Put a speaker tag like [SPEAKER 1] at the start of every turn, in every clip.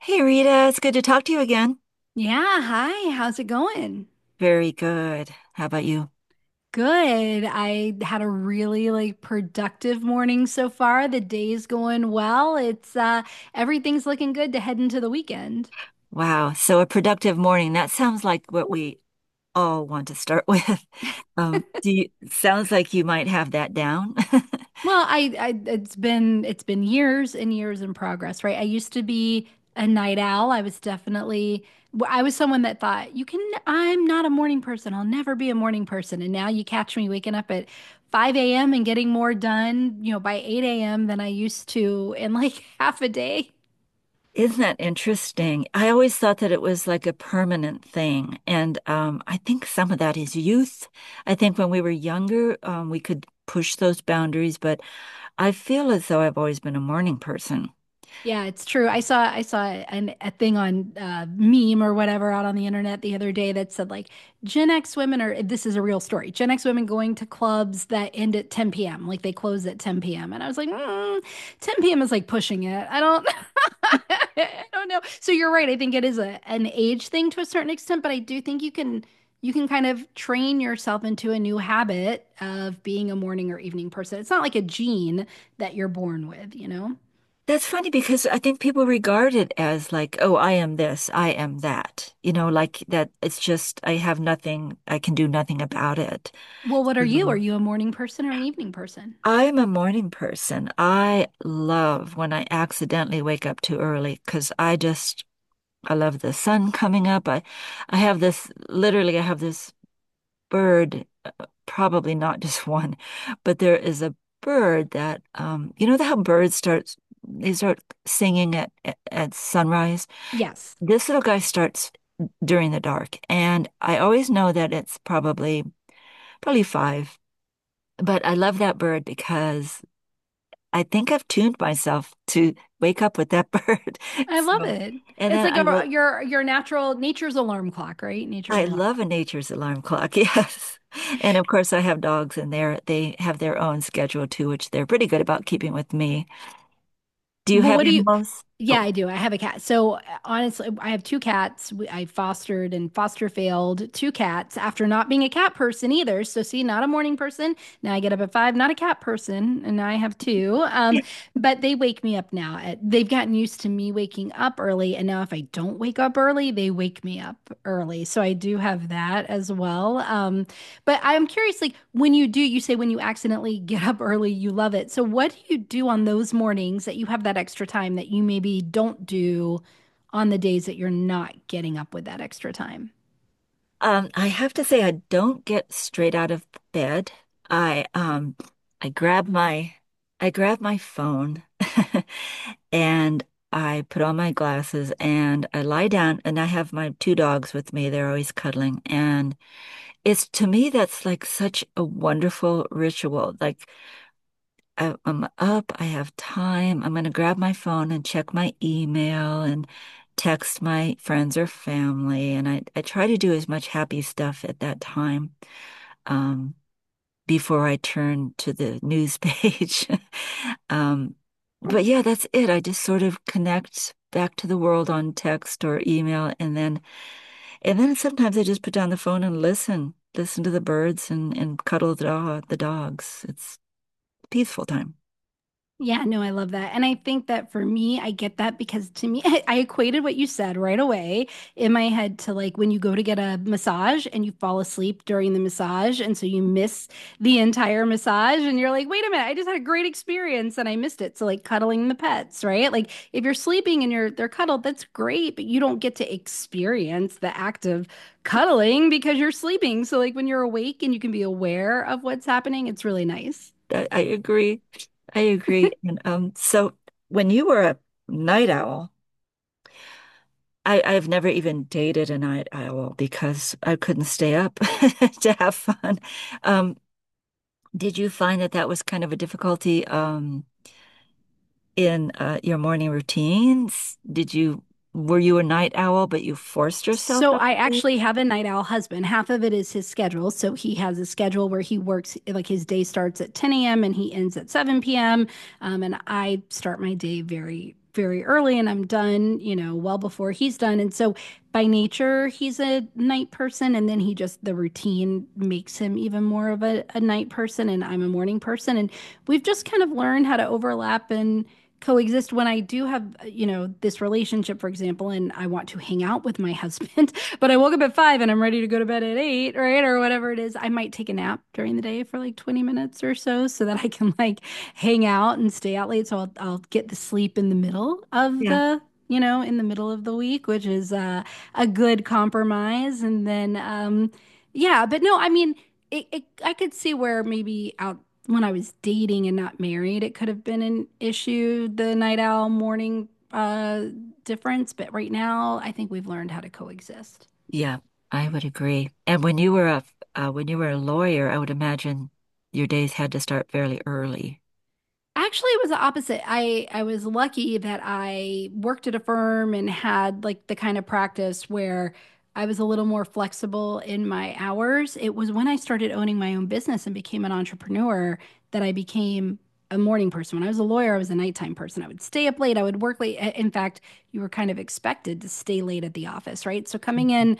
[SPEAKER 1] Hey Rita, it's good to talk to you again.
[SPEAKER 2] Yeah, hi. How's it going?
[SPEAKER 1] Very good. How about you?
[SPEAKER 2] Good. I had a really like productive morning so far. The day's going well. It's everything's looking good to head into the weekend.
[SPEAKER 1] Wow, so a productive morning. That sounds like what we all want to start with. Sounds like you might have that down.
[SPEAKER 2] Well, I it's been years and years in progress, right? I used to be a night owl. I was definitely I was someone that thought, you can I'm not a morning person. I'll never be a morning person. And now you catch me waking up at 5 a.m. and getting more done, you know, by 8 a.m. than I used to in like half a day.
[SPEAKER 1] Isn't that interesting? I always thought that it was like a permanent thing. And I think some of that is youth. I think when we were younger, we could push those boundaries, but I feel as though I've always been a morning person.
[SPEAKER 2] Yeah, it's true. I saw a thing on meme or whatever out on the internet the other day that said like Gen X women are this is a real story. Gen X women going to clubs that end at 10 p.m., like they close at 10 p.m. And I was like, mm, 10 p.m. is like pushing it. I don't I don't know. So you're right. I think it is a an age thing to a certain extent, but I do think you can kind of train yourself into a new habit of being a morning or evening person. It's not like a gene that you're born with, you know?
[SPEAKER 1] That's funny because I think people regard it as like, oh, I am this, I am that. You know, like that it's just I have nothing, I can do nothing about it.
[SPEAKER 2] Well, what are you? Are
[SPEAKER 1] Mhm.
[SPEAKER 2] you a morning person or an evening person?
[SPEAKER 1] I'm a morning person. I love when I accidentally wake up too early because I just I love the sun coming up. I have this literally I have this bird, probably not just one, but there is a bird that you know how birds start they start singing at sunrise?
[SPEAKER 2] Yes.
[SPEAKER 1] This little guy starts during the dark, and I always know that it's probably five. But I love that bird because I think I've tuned myself to wake up with that bird.
[SPEAKER 2] I love
[SPEAKER 1] So,
[SPEAKER 2] it.
[SPEAKER 1] and
[SPEAKER 2] It's
[SPEAKER 1] then
[SPEAKER 2] like
[SPEAKER 1] I will.
[SPEAKER 2] a your natural nature's alarm clock, right? Nature's
[SPEAKER 1] I
[SPEAKER 2] alarm.
[SPEAKER 1] love a nature's alarm clock. Yes. And of course, I have dogs, and they have their own schedule too, which they're pretty good about keeping with me. Do you
[SPEAKER 2] Well,
[SPEAKER 1] have
[SPEAKER 2] what do you
[SPEAKER 1] animals? Oh,
[SPEAKER 2] Yeah, I do. I have a cat. So honestly, I have two cats. We- I fostered and foster failed two cats after not being a cat person either. So see, not a morning person. Now I get up at five, not a cat person, and now I have two. But they wake me up now. They've gotten used to me waking up early, and now if I don't wake up early, they wake me up early. So I do have that as well. But I'm curious, like when you do, you say when you accidentally get up early, you love it. So what do you do on those mornings that you have that extra time that you maybe don't do on the days that you're not getting up with that extra time?
[SPEAKER 1] I have to say, I don't get straight out of bed. I um, I grab my, I grab my phone, and I put on my glasses and I lie down and I have my two dogs with me. They're always cuddling. And it's to me, that's like such a wonderful ritual. Like I'm up, I have time. I'm going to grab my phone and check my email and text my friends or family. And I try to do as much happy stuff at that time. Um, Before I turn to the news page. Um, but yeah, that's it. I just sort of connect back to the world on text or email, and then sometimes I just put down the phone and listen, listen to the birds and cuddle the dog, the dogs. It's a peaceful time.
[SPEAKER 2] Yeah, no, I love that. And I think that for me, I get that because to me, I equated what you said right away in my head to like when you go to get a massage and you fall asleep during the massage. And so you miss the entire massage and you're like, wait a minute, I just had a great experience and I missed it. So like cuddling the pets, right? Like if you're sleeping and you're they're cuddled, that's great, but you don't get to experience the act of cuddling because you're sleeping. So like when you're awake and you can be aware of what's happening, it's really nice.
[SPEAKER 1] I agree. I agree. And so when you were a night owl, I've never even dated a night owl because I couldn't stay up to have fun. Um, did you find that that was kind of a difficulty in your morning routines? Did you Were you a night owl, but you forced yourself
[SPEAKER 2] So
[SPEAKER 1] up
[SPEAKER 2] I
[SPEAKER 1] to
[SPEAKER 2] actually
[SPEAKER 1] bed?
[SPEAKER 2] have a night owl husband. Half of it is his schedule. So he has a schedule where he works, like his day starts at 10 a.m. and he ends at 7 p.m. And I start my day very, very early and I'm done, you know, well before he's done. And so by nature, he's a night person. And then he just, the routine makes him even more of a night person. And I'm a morning person. And we've just kind of learned how to overlap and coexist when I do have, you know, this relationship, for example, and I want to hang out with my husband, but I woke up at five and I'm ready to go to bed at eight, right? Or whatever it is. I might take a nap during the day for like 20 minutes or so so that I can like hang out and stay out late. So I'll get the sleep in the middle of
[SPEAKER 1] Yeah,
[SPEAKER 2] the you know, in the middle of the week, which is a good compromise. And then, yeah, but no, I mean, it I could see where maybe out when I was dating and not married, it could have been an issue, the night owl morning difference, but right now I think we've learned how to coexist.
[SPEAKER 1] yeah, I would agree. And when you were a when you were a lawyer, I would imagine your days had to start fairly early.
[SPEAKER 2] Actually, it was the opposite. I was lucky that I worked at a firm and had like the kind of practice where I was a little more flexible in my hours. It was when I started owning my own business and became an entrepreneur that I became a morning person. When I was a lawyer, I was a nighttime person. I would stay up late, I would work late. In fact, you were kind of expected to stay late at the office, right? So coming in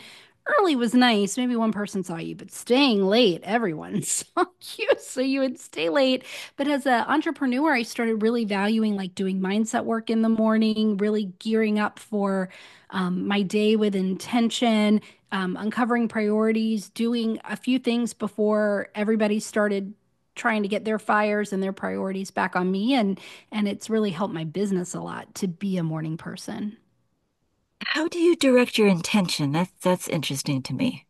[SPEAKER 2] early was nice. Maybe one person saw you, but staying late, everyone saw you. So you would stay late but as an entrepreneur, I started really valuing like doing mindset work in the morning, really gearing up for my day with intention, uncovering priorities, doing a few things before everybody started trying to get their fires and their priorities back on me. And it's really helped my business a lot to be a morning person.
[SPEAKER 1] How do you direct your intention? That's interesting to me.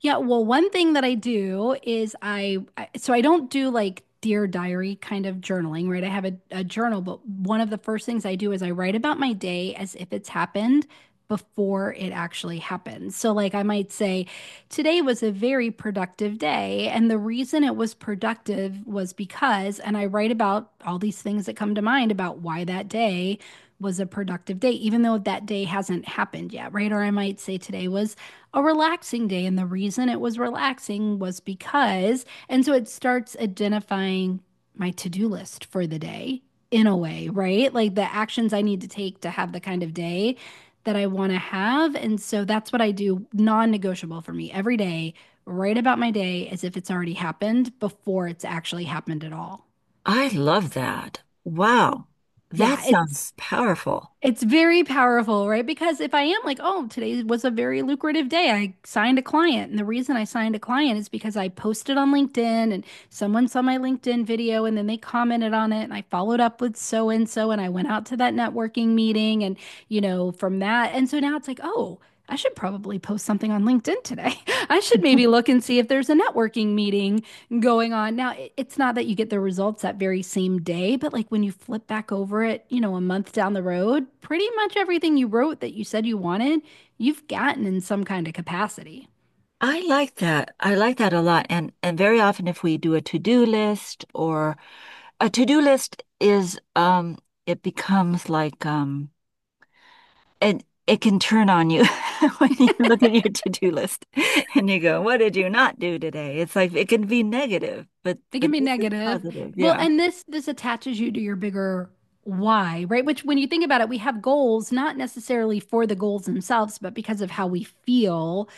[SPEAKER 2] Yeah, well, one thing that I do is I don't do like Dear Diary kind of journaling, right? I have a journal, but one of the first things I do is I write about my day as if it's happened before it actually happens. So, like, I might say, today was a very productive day. And the reason it was productive was because, and I write about all these things that come to mind about why that day was a productive day, even though that day hasn't happened yet, right? Or I might say, today was a relaxing day. And the reason it was relaxing was because, and so it starts identifying my to do list for the day in a way, right? Like the actions I need to take to have the kind of day that I want to have. And so that's what I do, non negotiable for me every day, write about my day as if it's already happened before it's actually happened at all.
[SPEAKER 1] I love that. Wow. That
[SPEAKER 2] Yeah, it's
[SPEAKER 1] sounds powerful.
[SPEAKER 2] It's very powerful, right? Because if I am like, oh, today was a very lucrative day, I signed a client. And the reason I signed a client is because I posted on LinkedIn and someone saw my LinkedIn video and then they commented on it. And I followed up with so and so and I went out to that networking meeting and, you know, from that. And so now it's like, oh, I should probably post something on LinkedIn today. I should maybe look and see if there's a networking meeting going on. Now, it's not that you get the results that very same day, but like when you flip back over it, you know, a month down the road, pretty much everything you wrote that you said you wanted, you've gotten in some kind of capacity.
[SPEAKER 1] I like that. I like that a lot. And very often if we do a to-do list or a to-do list is it becomes like it it can turn on you when you look at your to-do list and you go, what did you not do today? It's like it can be negative,
[SPEAKER 2] It can
[SPEAKER 1] but
[SPEAKER 2] be
[SPEAKER 1] this is
[SPEAKER 2] negative.
[SPEAKER 1] positive.
[SPEAKER 2] Well,
[SPEAKER 1] Yeah.
[SPEAKER 2] and this attaches you to your bigger why, right? Which when you think about it, we have goals not necessarily for the goals themselves, but because of how we feel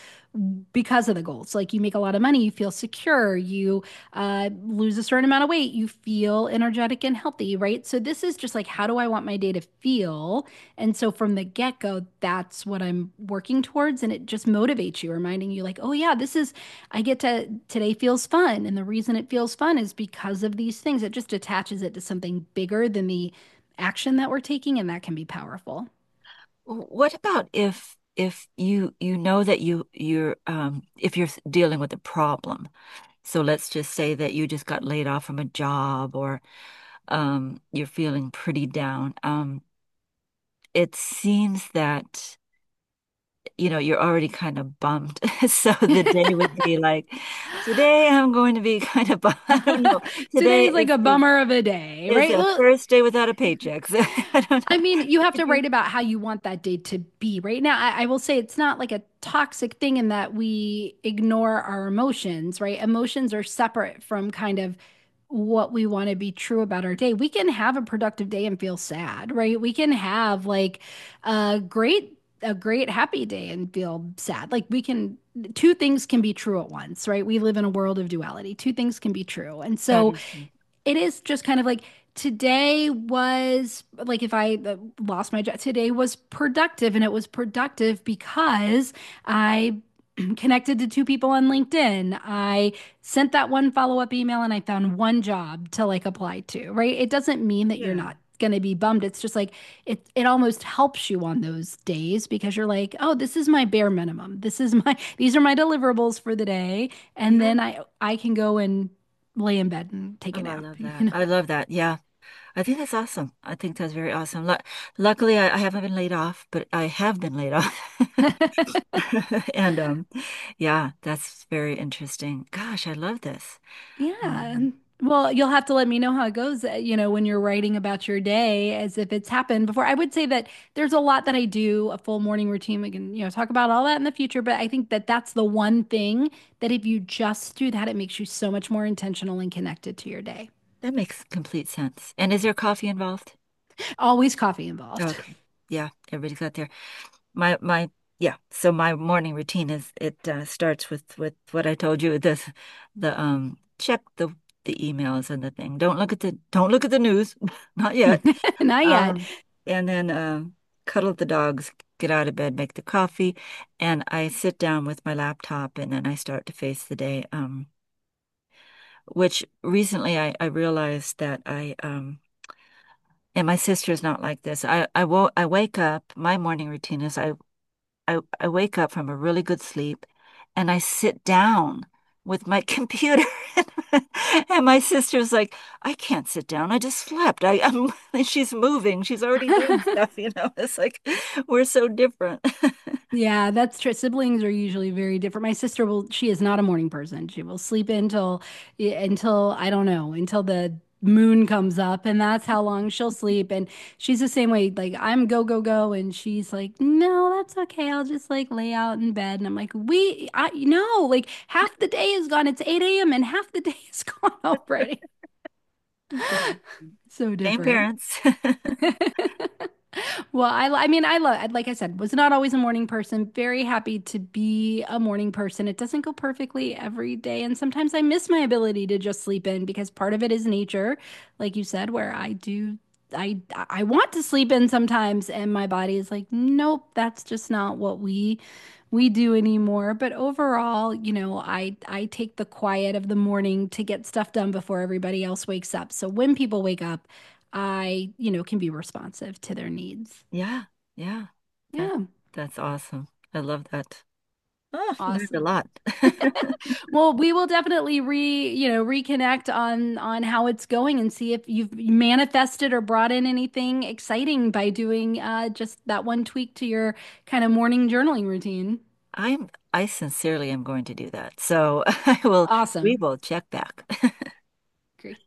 [SPEAKER 2] because of the goals. Like you make a lot of money, you feel secure, you lose a certain amount of weight, you feel energetic and healthy, right? So this is just like, how do I want my day to feel? And so from the get-go, that's what I'm working towards. And it just motivates you, reminding you, like, oh, yeah, this is, I get to, today feels fun. And the reason it feels fun is because of these things. It just attaches it to something bigger than the action that we're taking. And that can be powerful.
[SPEAKER 1] What about if you you know that you you're if you're dealing with a problem. So let's just say that you just got laid off from a job or you're feeling pretty down. It seems that, you know, you're already kind of bummed. So the day would be like, today I'm going to be kind of bummed. I don't know. Today
[SPEAKER 2] Today's like a
[SPEAKER 1] is
[SPEAKER 2] bummer of a day,
[SPEAKER 1] is
[SPEAKER 2] right?
[SPEAKER 1] a
[SPEAKER 2] Well,
[SPEAKER 1] first day without a paycheck. So I don't know.
[SPEAKER 2] I mean, you have to
[SPEAKER 1] Could you?
[SPEAKER 2] write about how you want that day to be right now. I will say it's not like a toxic thing in that we ignore our emotions, right? Emotions are separate from kind of what we want to be true about our day. We can have a productive day and feel sad, right? We can have like a great, a great happy day and feel sad. Like we can, two things can be true at once, right? We live in a world of duality. Two things can be true. And
[SPEAKER 1] That
[SPEAKER 2] so,
[SPEAKER 1] is true.
[SPEAKER 2] it is just kind of like today was like if I lost my job, today was productive, and it was productive because I connected to two people on LinkedIn. I sent that one follow-up email and I found one job to like apply to, right? It doesn't mean that you're
[SPEAKER 1] Yeah.
[SPEAKER 2] not going to be bummed. It's just like it almost helps you on those days because you're like, "Oh, this is my bare minimum. This is my these are my deliverables for the day." And
[SPEAKER 1] Yeah.
[SPEAKER 2] then I can go and lay in bed and take a
[SPEAKER 1] Oh, I
[SPEAKER 2] nap,
[SPEAKER 1] love
[SPEAKER 2] you
[SPEAKER 1] that.
[SPEAKER 2] know?
[SPEAKER 1] I love that. Yeah. I think that's awesome. I think that's very awesome. Lu luckily, I haven't been laid off, but I have been laid off. And yeah, that's very interesting. Gosh, I love this.
[SPEAKER 2] Yeah.
[SPEAKER 1] Um,
[SPEAKER 2] Well, you'll have to let me know how it goes, you know, when you're writing about your day as if it's happened before. I would say that there's a lot that I do, a full morning routine. We can, you know, talk about all that in the future, but I think that that's the one thing that if you just do that, it makes you so much more intentional and connected to your day.
[SPEAKER 1] that makes complete sense. And is there coffee involved?
[SPEAKER 2] Always coffee involved.
[SPEAKER 1] Okay. Yeah, everybody's got there. My my yeah, so my morning routine is it starts with what I told you, this the check the emails and the thing. Don't look at the don't look at the news. Not yet.
[SPEAKER 2] Not yet.
[SPEAKER 1] Um, and then cuddle the dogs, get out of bed, make the coffee, and I sit down with my laptop and then I start to face the day. Which recently I realized that I and my sister's not like this. I wake up, my morning routine is I wake up from a really good sleep and I sit down with my computer. And my sister's like, I can't sit down. I just slept. And she's moving. She's already doing stuff, you know. It's like we're so different.
[SPEAKER 2] Yeah, that's true. Siblings are usually very different. My sister will, she is not a morning person. She will sleep until, yeah, until I don't know, until the moon comes up, and that's how long she'll sleep. And she's the same way. Like I'm go go go, and she's like, no, that's okay. I'll just like lay out in bed. And I'm like, we, I no, like half the day is gone. It's 8 a.m. and half the day is gone already. So
[SPEAKER 1] Same
[SPEAKER 2] different.
[SPEAKER 1] parents.
[SPEAKER 2] Well, I mean, I love, like I said, was not always a morning person. Very happy to be a morning person. It doesn't go perfectly every day. And sometimes I miss my ability to just sleep in because part of it is nature, like you said, where I do, I, I want to sleep in sometimes. And my body is like, nope, that's just not what we do anymore. But overall, you know, I take the quiet of the morning to get stuff done before everybody else wakes up. So when people wake up, I, you know, can be responsive to their needs.
[SPEAKER 1] Yeah, yeah. That
[SPEAKER 2] Yeah,
[SPEAKER 1] that's awesome. I love that. Oh, learned a
[SPEAKER 2] awesome.
[SPEAKER 1] lot.
[SPEAKER 2] Well, we will definitely you know, reconnect on how it's going and see if you've manifested or brought in anything exciting by doing just that one tweak to your kind of morning journaling routine.
[SPEAKER 1] I sincerely am going to do that. So I will we
[SPEAKER 2] Awesome.
[SPEAKER 1] will check back.
[SPEAKER 2] Great.